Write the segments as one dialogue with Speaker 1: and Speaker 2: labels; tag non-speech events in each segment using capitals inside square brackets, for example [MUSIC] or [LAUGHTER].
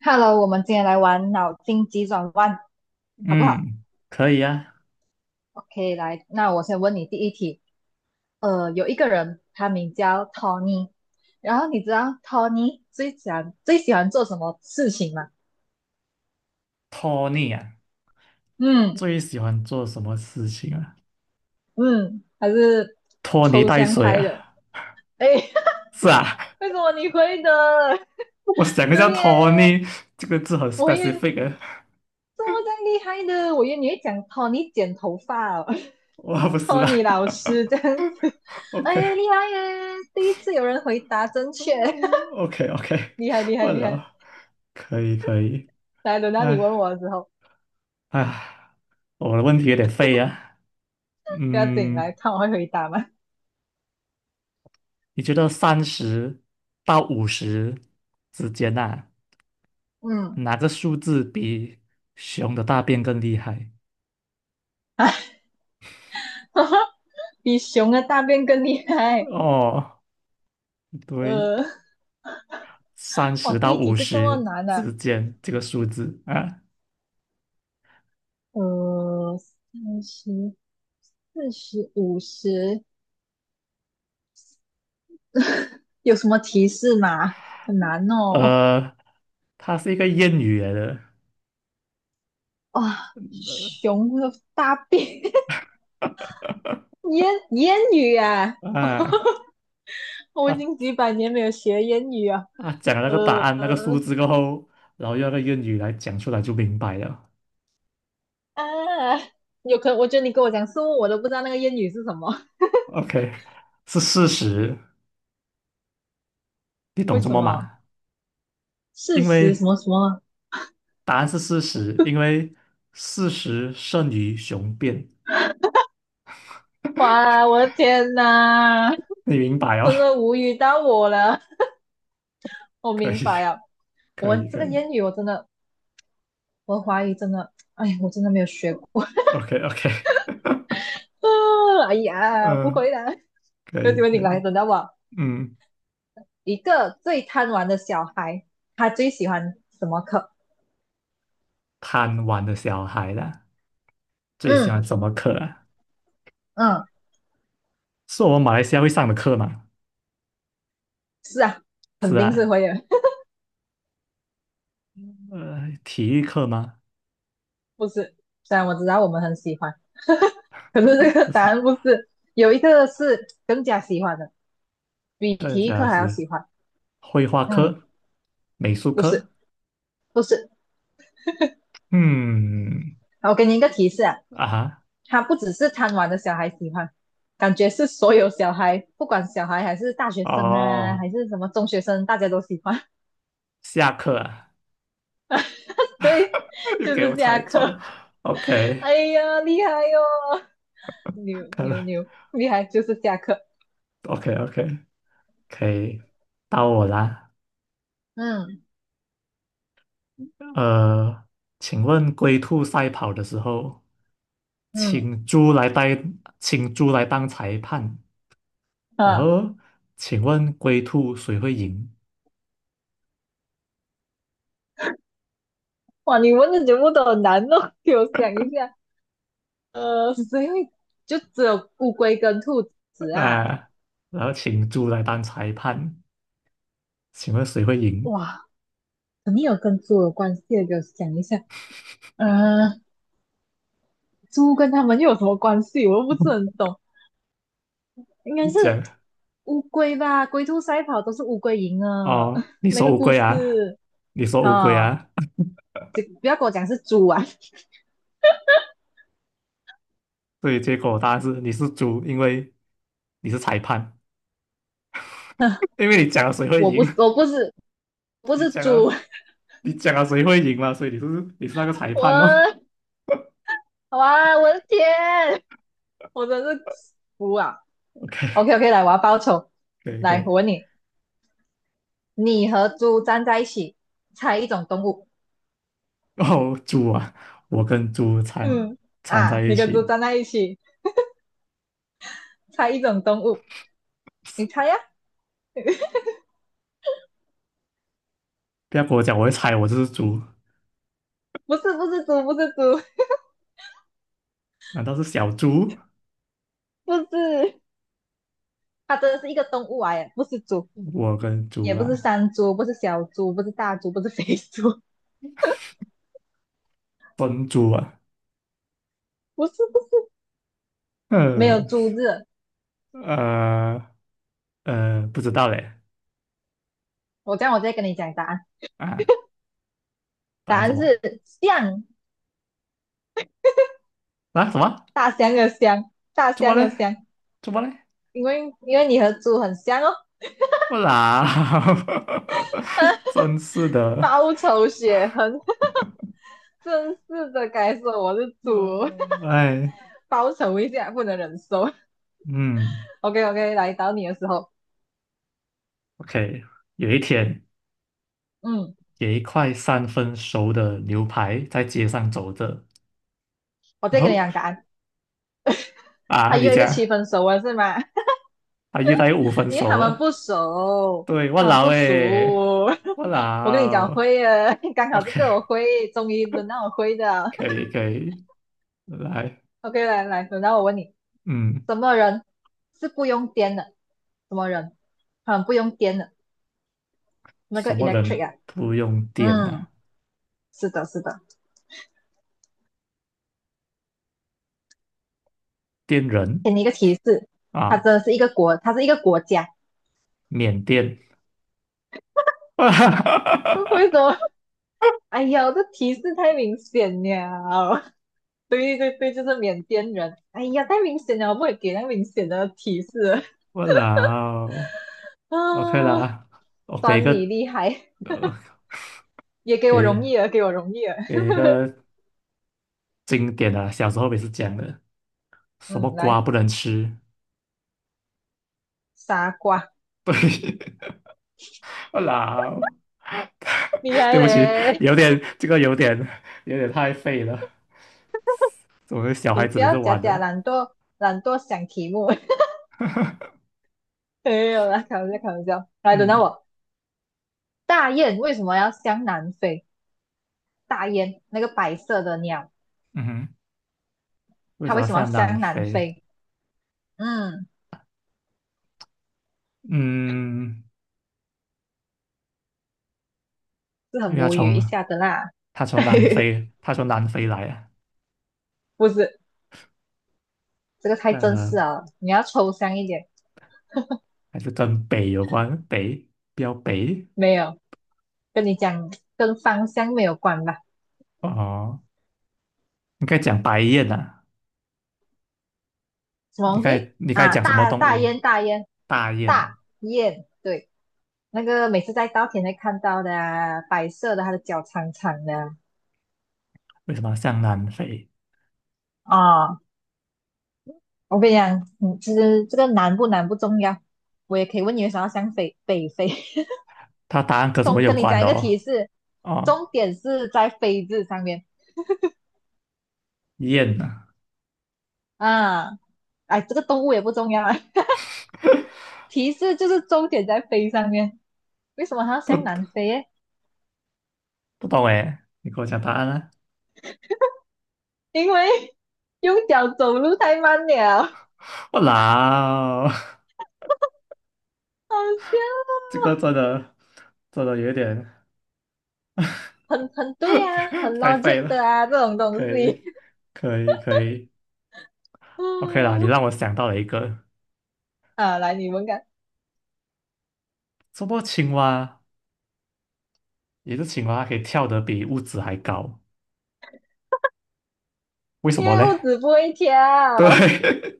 Speaker 1: Hello，我们今天来玩脑筋急转弯，好不好
Speaker 2: 嗯，可以啊。
Speaker 1: ？OK，来，那我先问你第一题。有一个人，他名叫 Tony，然后你知道 Tony 最喜欢做什么事情吗？
Speaker 2: 拖泥啊，
Speaker 1: 嗯
Speaker 2: 最喜欢做什么事情啊？
Speaker 1: 嗯，他是
Speaker 2: 拖泥
Speaker 1: 抽
Speaker 2: 带
Speaker 1: 象
Speaker 2: 水
Speaker 1: 派的。
Speaker 2: 啊？
Speaker 1: 哎，
Speaker 2: 是啊，
Speaker 1: [LAUGHS] 为什么你会的？
Speaker 2: [LAUGHS] 我想
Speaker 1: [LAUGHS]
Speaker 2: 一下，
Speaker 1: 对耶，
Speaker 2: 拖泥这个字很
Speaker 1: 我也为
Speaker 2: specific 啊。
Speaker 1: 这么这样厉害的，我以为你会讲 Tony 剪头发哦。
Speaker 2: [LAUGHS] 我不是
Speaker 1: 托
Speaker 2: 啦。
Speaker 1: 尼老师这样子，[LAUGHS]
Speaker 2: [LAUGHS]
Speaker 1: 哎，厉害耶！第一次有人回答正确，[LAUGHS]
Speaker 2: OK，OK，OK，
Speaker 1: 厉害厉害
Speaker 2: 我
Speaker 1: 厉害！
Speaker 2: 了，可以，可以。
Speaker 1: 来，轮到你
Speaker 2: 哎
Speaker 1: 问我的时候，
Speaker 2: 哎，我的问题有点废啊。
Speaker 1: 不要紧，
Speaker 2: 嗯，
Speaker 1: 来看我会回答吗？
Speaker 2: 你觉得三十到五十之间呐、啊，
Speaker 1: 嗯，
Speaker 2: 哪个数字比熊的大便更厉害？
Speaker 1: [LAUGHS] 哎，比熊的大便更厉害。
Speaker 2: 哦，对。
Speaker 1: 呃，
Speaker 2: 三
Speaker 1: 哇，
Speaker 2: 十
Speaker 1: 第
Speaker 2: 到
Speaker 1: 一题
Speaker 2: 五
Speaker 1: 就这么
Speaker 2: 十
Speaker 1: 难呢？
Speaker 2: 之间这个数字啊，
Speaker 1: 三十、四十、五十，有什么提示吗？很难哦。
Speaker 2: 呃，它是一个谚语来的，
Speaker 1: 哇，熊的大便，[LAUGHS] 烟烟雨啊！
Speaker 2: 呃啊，
Speaker 1: [LAUGHS] 我已经
Speaker 2: 他
Speaker 1: 几百年没有学烟语啊，
Speaker 2: 它讲了那个答
Speaker 1: 呃
Speaker 2: 案那个数字过后，然后用那个谚语来讲出来就明白了。
Speaker 1: 啊，有可能我觉得你跟我讲物，我都不知道那个烟语是什么，
Speaker 2: OK,是事实，你
Speaker 1: 为
Speaker 2: 懂这
Speaker 1: 什
Speaker 2: 么
Speaker 1: 么？
Speaker 2: 嘛？
Speaker 1: 事
Speaker 2: 因
Speaker 1: 实
Speaker 2: 为
Speaker 1: 什么什么？
Speaker 2: 答案是事实，因为事实胜于雄辩，
Speaker 1: 哇，我的天呐，
Speaker 2: 你明白哦？
Speaker 1: 真
Speaker 2: [LAUGHS]
Speaker 1: 的无语到我了。我
Speaker 2: 可
Speaker 1: 明
Speaker 2: 以，
Speaker 1: 白啊，
Speaker 2: 可
Speaker 1: 我
Speaker 2: 以，
Speaker 1: 这
Speaker 2: 可
Speaker 1: 个
Speaker 2: 以
Speaker 1: 烟语我真的，我怀疑真的，哎呀，我真的没有学过。
Speaker 2: ，OK，OK，
Speaker 1: 啊哎呀，不
Speaker 2: 嗯，
Speaker 1: 会啦，
Speaker 2: 可
Speaker 1: 有机
Speaker 2: 以，
Speaker 1: 会你
Speaker 2: 可
Speaker 1: 来，
Speaker 2: 以，
Speaker 1: 等到我。
Speaker 2: 嗯，
Speaker 1: 一个最贪玩的小孩，他最喜欢什么课？
Speaker 2: 贪玩的小孩啦。最喜
Speaker 1: 嗯
Speaker 2: 欢什么课啊？
Speaker 1: 嗯，
Speaker 2: 是我们马来西亚会上的课吗？
Speaker 1: 是啊，
Speaker 2: 是
Speaker 1: 肯定是
Speaker 2: 啊，
Speaker 1: 会的。
Speaker 2: 体育课吗？
Speaker 1: 不是，虽然我知道我们很喜欢，[LAUGHS] 可是这
Speaker 2: [LAUGHS]
Speaker 1: 个
Speaker 2: 不
Speaker 1: 答
Speaker 2: 是，
Speaker 1: 案不是。有一个是更加喜欢的，比
Speaker 2: 更
Speaker 1: 体育
Speaker 2: 加
Speaker 1: 课还要
Speaker 2: 是
Speaker 1: 喜欢。
Speaker 2: 绘画
Speaker 1: 嗯，
Speaker 2: 课、美术
Speaker 1: 不是，
Speaker 2: 课。
Speaker 1: 不是。
Speaker 2: 嗯，
Speaker 1: 好我给你一个提示啊，
Speaker 2: 啊哈，
Speaker 1: 他不只是贪玩的小孩喜欢，感觉是所有小孩，不管小孩还是大学生啊，
Speaker 2: 哦，
Speaker 1: 还是什么中学生，大家都喜欢。
Speaker 2: 下课啊，
Speaker 1: [LAUGHS] 对，
Speaker 2: [LAUGHS] 又
Speaker 1: 就
Speaker 2: 给我
Speaker 1: 是下
Speaker 2: 猜中。
Speaker 1: 课。
Speaker 2: OK,
Speaker 1: 哎呀，厉害哟、[LAUGHS] 哦牛
Speaker 2: 看
Speaker 1: 牛
Speaker 2: 来
Speaker 1: 牛，厉害，就是下课。
Speaker 2: o k o k [LAUGHS] 可以，到我啦。
Speaker 1: 嗯
Speaker 2: 呃，请问龟兔赛跑的时候，
Speaker 1: 嗯
Speaker 2: 请猪来当，请猪来当裁判，然
Speaker 1: 啊。
Speaker 2: 后，请问龟兔谁会赢？
Speaker 1: 哇，你问的节目都很难哦，[LAUGHS] 给我想一下。[LAUGHS] 谁会就只有乌龟跟兔子啊？
Speaker 2: 啊，然后请猪来当裁判，请问谁会赢？
Speaker 1: 哇，肯定有跟猪有关系的，给我想一下。呃，猪跟它们又有什么关系？我又不是很懂。应该
Speaker 2: 你
Speaker 1: 是
Speaker 2: 讲
Speaker 1: 乌龟吧？龟兔赛跑都是乌龟赢了，
Speaker 2: 哦，
Speaker 1: [LAUGHS]
Speaker 2: 你
Speaker 1: 那个
Speaker 2: 说乌
Speaker 1: 故
Speaker 2: 龟啊，
Speaker 1: 事
Speaker 2: 你说乌龟
Speaker 1: 啊，
Speaker 2: 啊，
Speaker 1: 就不要跟我讲是猪啊！
Speaker 2: [LAUGHS] 所以结果答案是你是猪，因为你是裁判，[LAUGHS] 因为你讲了谁会
Speaker 1: 我不，
Speaker 2: 赢，
Speaker 1: 是，我不是，
Speaker 2: [LAUGHS]
Speaker 1: 不
Speaker 2: 你
Speaker 1: 是
Speaker 2: 讲
Speaker 1: 猪，
Speaker 2: 了你讲了谁会赢嘛，所以你是那个
Speaker 1: [LAUGHS]
Speaker 2: 裁判哦。
Speaker 1: 我哇，我的天，我真是服啊！
Speaker 2: [LAUGHS] OK,
Speaker 1: OK OK，来，我要报仇。
Speaker 2: 可以可
Speaker 1: 来，
Speaker 2: 以。
Speaker 1: 我问你，你和猪站在一起，猜一种动物。
Speaker 2: 哦，猪啊，我跟猪缠
Speaker 1: 嗯，
Speaker 2: 缠在
Speaker 1: 啊，
Speaker 2: 一
Speaker 1: 你跟猪
Speaker 2: 起，
Speaker 1: 站在一起，猜一种动物。你猜呀、
Speaker 2: 不要跟我讲我会猜我就是猪，
Speaker 1: 不是，不是猪，不是猪，
Speaker 2: 难道是小猪？
Speaker 1: 不是，它真的是一个动物啊，耶，不是猪，
Speaker 2: 我跟猪
Speaker 1: 也不是
Speaker 2: 啊，
Speaker 1: 山猪，不是小猪，不是大猪，不是肥猪，[LAUGHS]
Speaker 2: 分猪啊，
Speaker 1: 不是，不是，没有
Speaker 2: 呃
Speaker 1: 猪字。
Speaker 2: 呃不知道嘞
Speaker 1: 我这样，我再跟你讲答案。
Speaker 2: 啊，答
Speaker 1: 答
Speaker 2: 案什
Speaker 1: 案
Speaker 2: 么
Speaker 1: 是象，
Speaker 2: 啊？什么？
Speaker 1: 大象的象，大
Speaker 2: 猪么
Speaker 1: 象的
Speaker 2: 嘞？
Speaker 1: 象，
Speaker 2: 猪么嘞？
Speaker 1: 因为你和猪很像哦。
Speaker 2: 不啦，[LAUGHS] 真是的，
Speaker 1: 报仇雪恨。真是的该说我是猪，
Speaker 2: 哎，
Speaker 1: 报成一下不能忍受。
Speaker 2: 嗯
Speaker 1: OK OK，来找你的时候，
Speaker 2: ，OK,有一天，
Speaker 1: 嗯，
Speaker 2: 有一块三分熟的牛排在街上走着，
Speaker 1: 我
Speaker 2: 然
Speaker 1: 再跟你
Speaker 2: 后
Speaker 1: 讲答案。他
Speaker 2: 啊，你
Speaker 1: 约一个
Speaker 2: 讲
Speaker 1: 七分熟了是吗？
Speaker 2: 啊，遇到五
Speaker 1: [LAUGHS]
Speaker 2: 分
Speaker 1: 因为他
Speaker 2: 熟
Speaker 1: 们
Speaker 2: 了，
Speaker 1: 不熟，
Speaker 2: 对，我
Speaker 1: 他们
Speaker 2: 老
Speaker 1: 不
Speaker 2: 诶，
Speaker 1: 熟。[LAUGHS]
Speaker 2: 我
Speaker 1: 我跟你讲
Speaker 2: 老
Speaker 1: 会了，[LAUGHS] 刚好这个
Speaker 2: ，OK。
Speaker 1: 我会，终于轮到我会的
Speaker 2: 可以可以，来，
Speaker 1: OK，来来，轮到我问你，
Speaker 2: 嗯，
Speaker 1: 什么人是不用电的？什么人？很不用电的那
Speaker 2: 什
Speaker 1: 个
Speaker 2: 么人
Speaker 1: electric 啊，
Speaker 2: 不用电呢、
Speaker 1: 嗯，是的，是的，
Speaker 2: 电人
Speaker 1: 给你一个提示，它
Speaker 2: 啊，
Speaker 1: 真的是一个国，它是一个国家。
Speaker 2: 缅甸，
Speaker 1: 为什
Speaker 2: [LAUGHS]
Speaker 1: 么？哎呀，这提示太明显了。[LAUGHS] 对对对，就是缅甸人。哎呀，太明显了，我不会给那明显的提示了
Speaker 2: 我老
Speaker 1: [LAUGHS] 啊，
Speaker 2: ，OK 啦，我给一
Speaker 1: 算
Speaker 2: 个，
Speaker 1: 你厉害，
Speaker 2: 呃，
Speaker 1: 也给我容
Speaker 2: 给
Speaker 1: 易了，给我容易了。
Speaker 2: 给一个经典的、小时候也是讲的，什么
Speaker 1: 嗯，
Speaker 2: 瓜
Speaker 1: 来，
Speaker 2: 不能吃，
Speaker 1: 傻瓜，
Speaker 2: [LAUGHS] 对，我老，
Speaker 1: 厉
Speaker 2: 对
Speaker 1: 害
Speaker 2: 不起，
Speaker 1: 嘞！
Speaker 2: 有点这个有点有点太废了，我们小孩
Speaker 1: 你
Speaker 2: 子
Speaker 1: 不
Speaker 2: 每次
Speaker 1: 要假
Speaker 2: 玩的，
Speaker 1: 假懒惰，懒惰想题目。[LAUGHS] 没有啦，开玩笑，开玩笑。来，轮到
Speaker 2: 嗯
Speaker 1: 我。大雁为什么要向南飞？大雁那个白色的鸟，
Speaker 2: 嗯哼，为
Speaker 1: 它
Speaker 2: 什
Speaker 1: 为
Speaker 2: 么
Speaker 1: 什么要
Speaker 2: 像南
Speaker 1: 向南
Speaker 2: 非？
Speaker 1: 飞？嗯。
Speaker 2: 嗯，
Speaker 1: 是
Speaker 2: 因为
Speaker 1: 很
Speaker 2: 他
Speaker 1: 无语一
Speaker 2: 从
Speaker 1: 下的啦。
Speaker 2: 他从南
Speaker 1: [LAUGHS]
Speaker 2: 非，他从南非来啊，
Speaker 1: 不是，这个太
Speaker 2: 这样
Speaker 1: 正式
Speaker 2: 呢，
Speaker 1: 啊，你要抽象一点。
Speaker 2: 还是跟北有关，北，标北
Speaker 1: 没有，跟你讲，跟芳香没有关吧？
Speaker 2: 哦，应该讲白雁啊，
Speaker 1: 什么
Speaker 2: 你
Speaker 1: 东
Speaker 2: 该
Speaker 1: 西
Speaker 2: 你该
Speaker 1: 啊？
Speaker 2: 讲什么
Speaker 1: 大
Speaker 2: 动
Speaker 1: 大
Speaker 2: 物？
Speaker 1: 雁，大雁，
Speaker 2: 大雁，
Speaker 1: 大雁，对，那个每次在稻田会看到的啊白色的，它的脚长长的
Speaker 2: 为什么像南非？
Speaker 1: 啊。哦我跟你讲，嗯，其实这个难不难不重要，我也可以问你为什么要想北北飞。
Speaker 2: 它答案
Speaker 1: [LAUGHS]
Speaker 2: 跟什么
Speaker 1: 中
Speaker 2: 有
Speaker 1: 跟你
Speaker 2: 关
Speaker 1: 讲一
Speaker 2: 的
Speaker 1: 个
Speaker 2: 哦？
Speaker 1: 提示，
Speaker 2: 哦，
Speaker 1: 重点是在“飞”字上面
Speaker 2: 雁啊，
Speaker 1: 啊。哎，这个动物也不重要啊。提示就是重点在飞上面，为什么它要向南
Speaker 2: 不
Speaker 1: 飞耶？
Speaker 2: 不懂诶，你给我讲答案啊！
Speaker 1: 因为 [LAUGHS] 用脚走路太慢了，好
Speaker 2: 我老，
Speaker 1: 笑，
Speaker 2: [LAUGHS] 这个真的真的有点
Speaker 1: 很很对啊，很
Speaker 2: [LAUGHS] 太废
Speaker 1: logic
Speaker 2: 了，
Speaker 1: 的啊，这种东
Speaker 2: 可
Speaker 1: 西。
Speaker 2: 以可以可以，OK 啦，你
Speaker 1: 嗯，
Speaker 2: 让我想到了一个，
Speaker 1: 啊，来你们看，
Speaker 2: 什么青蛙？一只青蛙它可以跳得比屋子还高，为什
Speaker 1: 因
Speaker 2: 么
Speaker 1: 为
Speaker 2: 嘞？
Speaker 1: 物质不会
Speaker 2: [LAUGHS]
Speaker 1: 跳。
Speaker 2: 对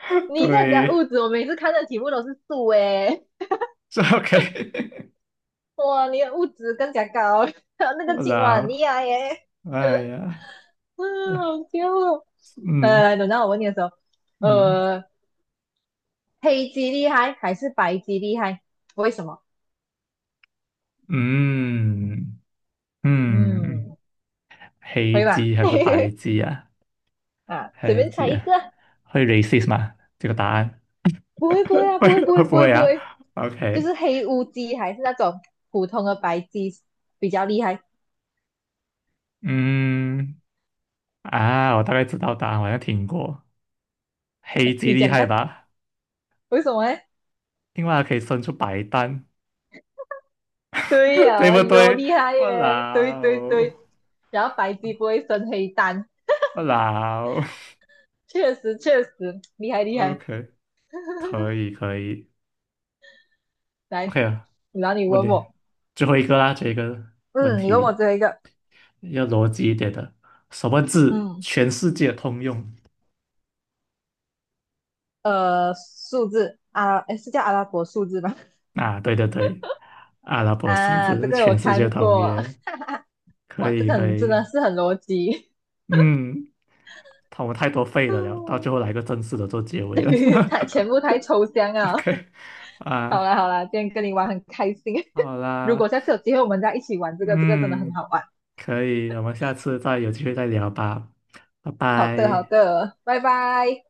Speaker 2: [LAUGHS]
Speaker 1: 你在讲物
Speaker 2: 对，
Speaker 1: 质，我每次看的题目都是数诶，
Speaker 2: 这 OK
Speaker 1: 哇，你的物质更加高，[LAUGHS] 还有
Speaker 2: [LAUGHS]。
Speaker 1: 那个
Speaker 2: 我
Speaker 1: 青蛙很厉
Speaker 2: 操！
Speaker 1: 害耶，
Speaker 2: 哎呀，
Speaker 1: 嗯，好笑哦
Speaker 2: [LAUGHS] 嗯
Speaker 1: 来，等到我问你的时候，
Speaker 2: 嗯，
Speaker 1: 呃，黑鸡厉害还是白鸡厉害？为什么？
Speaker 2: 嗯嗯，
Speaker 1: 嗯，
Speaker 2: 黑
Speaker 1: 会吧？
Speaker 2: 鸡还是白
Speaker 1: [LAUGHS]
Speaker 2: 鸡啊？
Speaker 1: 啊，随
Speaker 2: 黑
Speaker 1: 便
Speaker 2: 鸡
Speaker 1: 猜一
Speaker 2: 啊，
Speaker 1: 个啊
Speaker 2: 会 racist 吗？这个答案
Speaker 1: 不会不会啊，不会不
Speaker 2: [LAUGHS]？会
Speaker 1: 会不
Speaker 2: 不
Speaker 1: 会
Speaker 2: 会
Speaker 1: 不
Speaker 2: 啊
Speaker 1: 会，就
Speaker 2: ？OK,
Speaker 1: 是黑乌鸡还是那种普通的白鸡比较厉害？
Speaker 2: 嗯啊，我大概知道答案，我好像听过。黑鸡
Speaker 1: 你
Speaker 2: 厉
Speaker 1: 讲
Speaker 2: 害
Speaker 1: 看，
Speaker 2: 吧？
Speaker 1: 为什么呢？
Speaker 2: 青蛙可以生出白蛋，
Speaker 1: 对
Speaker 2: [LAUGHS]
Speaker 1: 呀、
Speaker 2: 对
Speaker 1: 啊哎
Speaker 2: 不
Speaker 1: 呦
Speaker 2: 对？
Speaker 1: 厉害
Speaker 2: 我
Speaker 1: 耶！对对
Speaker 2: 老，
Speaker 1: 对，然后白鸡不会生黑蛋，
Speaker 2: 我老
Speaker 1: 确实确实厉害
Speaker 2: [LAUGHS]
Speaker 1: 厉害。
Speaker 2: ，OK,可
Speaker 1: [LAUGHS]
Speaker 2: 以可以，OK
Speaker 1: 来，
Speaker 2: 啊，
Speaker 1: 然后你
Speaker 2: 问
Speaker 1: 问
Speaker 2: 题
Speaker 1: 我，
Speaker 2: 最后一个啦，这个问
Speaker 1: 嗯，你问我
Speaker 2: 题
Speaker 1: 最后一个，
Speaker 2: 要逻辑一点的，什么字
Speaker 1: 嗯，
Speaker 2: 全世界通用？
Speaker 1: 数字啊，诶是叫阿拉伯数字吧？
Speaker 2: 啊，对对对，阿拉伯数
Speaker 1: 啊，这
Speaker 2: 字
Speaker 1: 个我
Speaker 2: 全世界
Speaker 1: 看
Speaker 2: 通
Speaker 1: 过，
Speaker 2: 用，可
Speaker 1: 哇，这
Speaker 2: 以
Speaker 1: 个
Speaker 2: 可
Speaker 1: 很真的
Speaker 2: 以，
Speaker 1: 是很逻辑，
Speaker 2: 嗯，他们太多废的了，到最后
Speaker 1: [LAUGHS]
Speaker 2: 来个正式的做结尾了
Speaker 1: 太全部太抽象啊。[LAUGHS]
Speaker 2: [LAUGHS]，OK,
Speaker 1: 好
Speaker 2: 啊，
Speaker 1: 啦好啦，今天跟你玩很开心，
Speaker 2: 好
Speaker 1: 如果
Speaker 2: 啦，
Speaker 1: 下次有机会我们再一起玩这个，这个真的很
Speaker 2: 嗯。
Speaker 1: 好玩。
Speaker 2: 可以，我们下次再有机会再聊吧，拜
Speaker 1: 好的好
Speaker 2: 拜。
Speaker 1: 的，拜拜。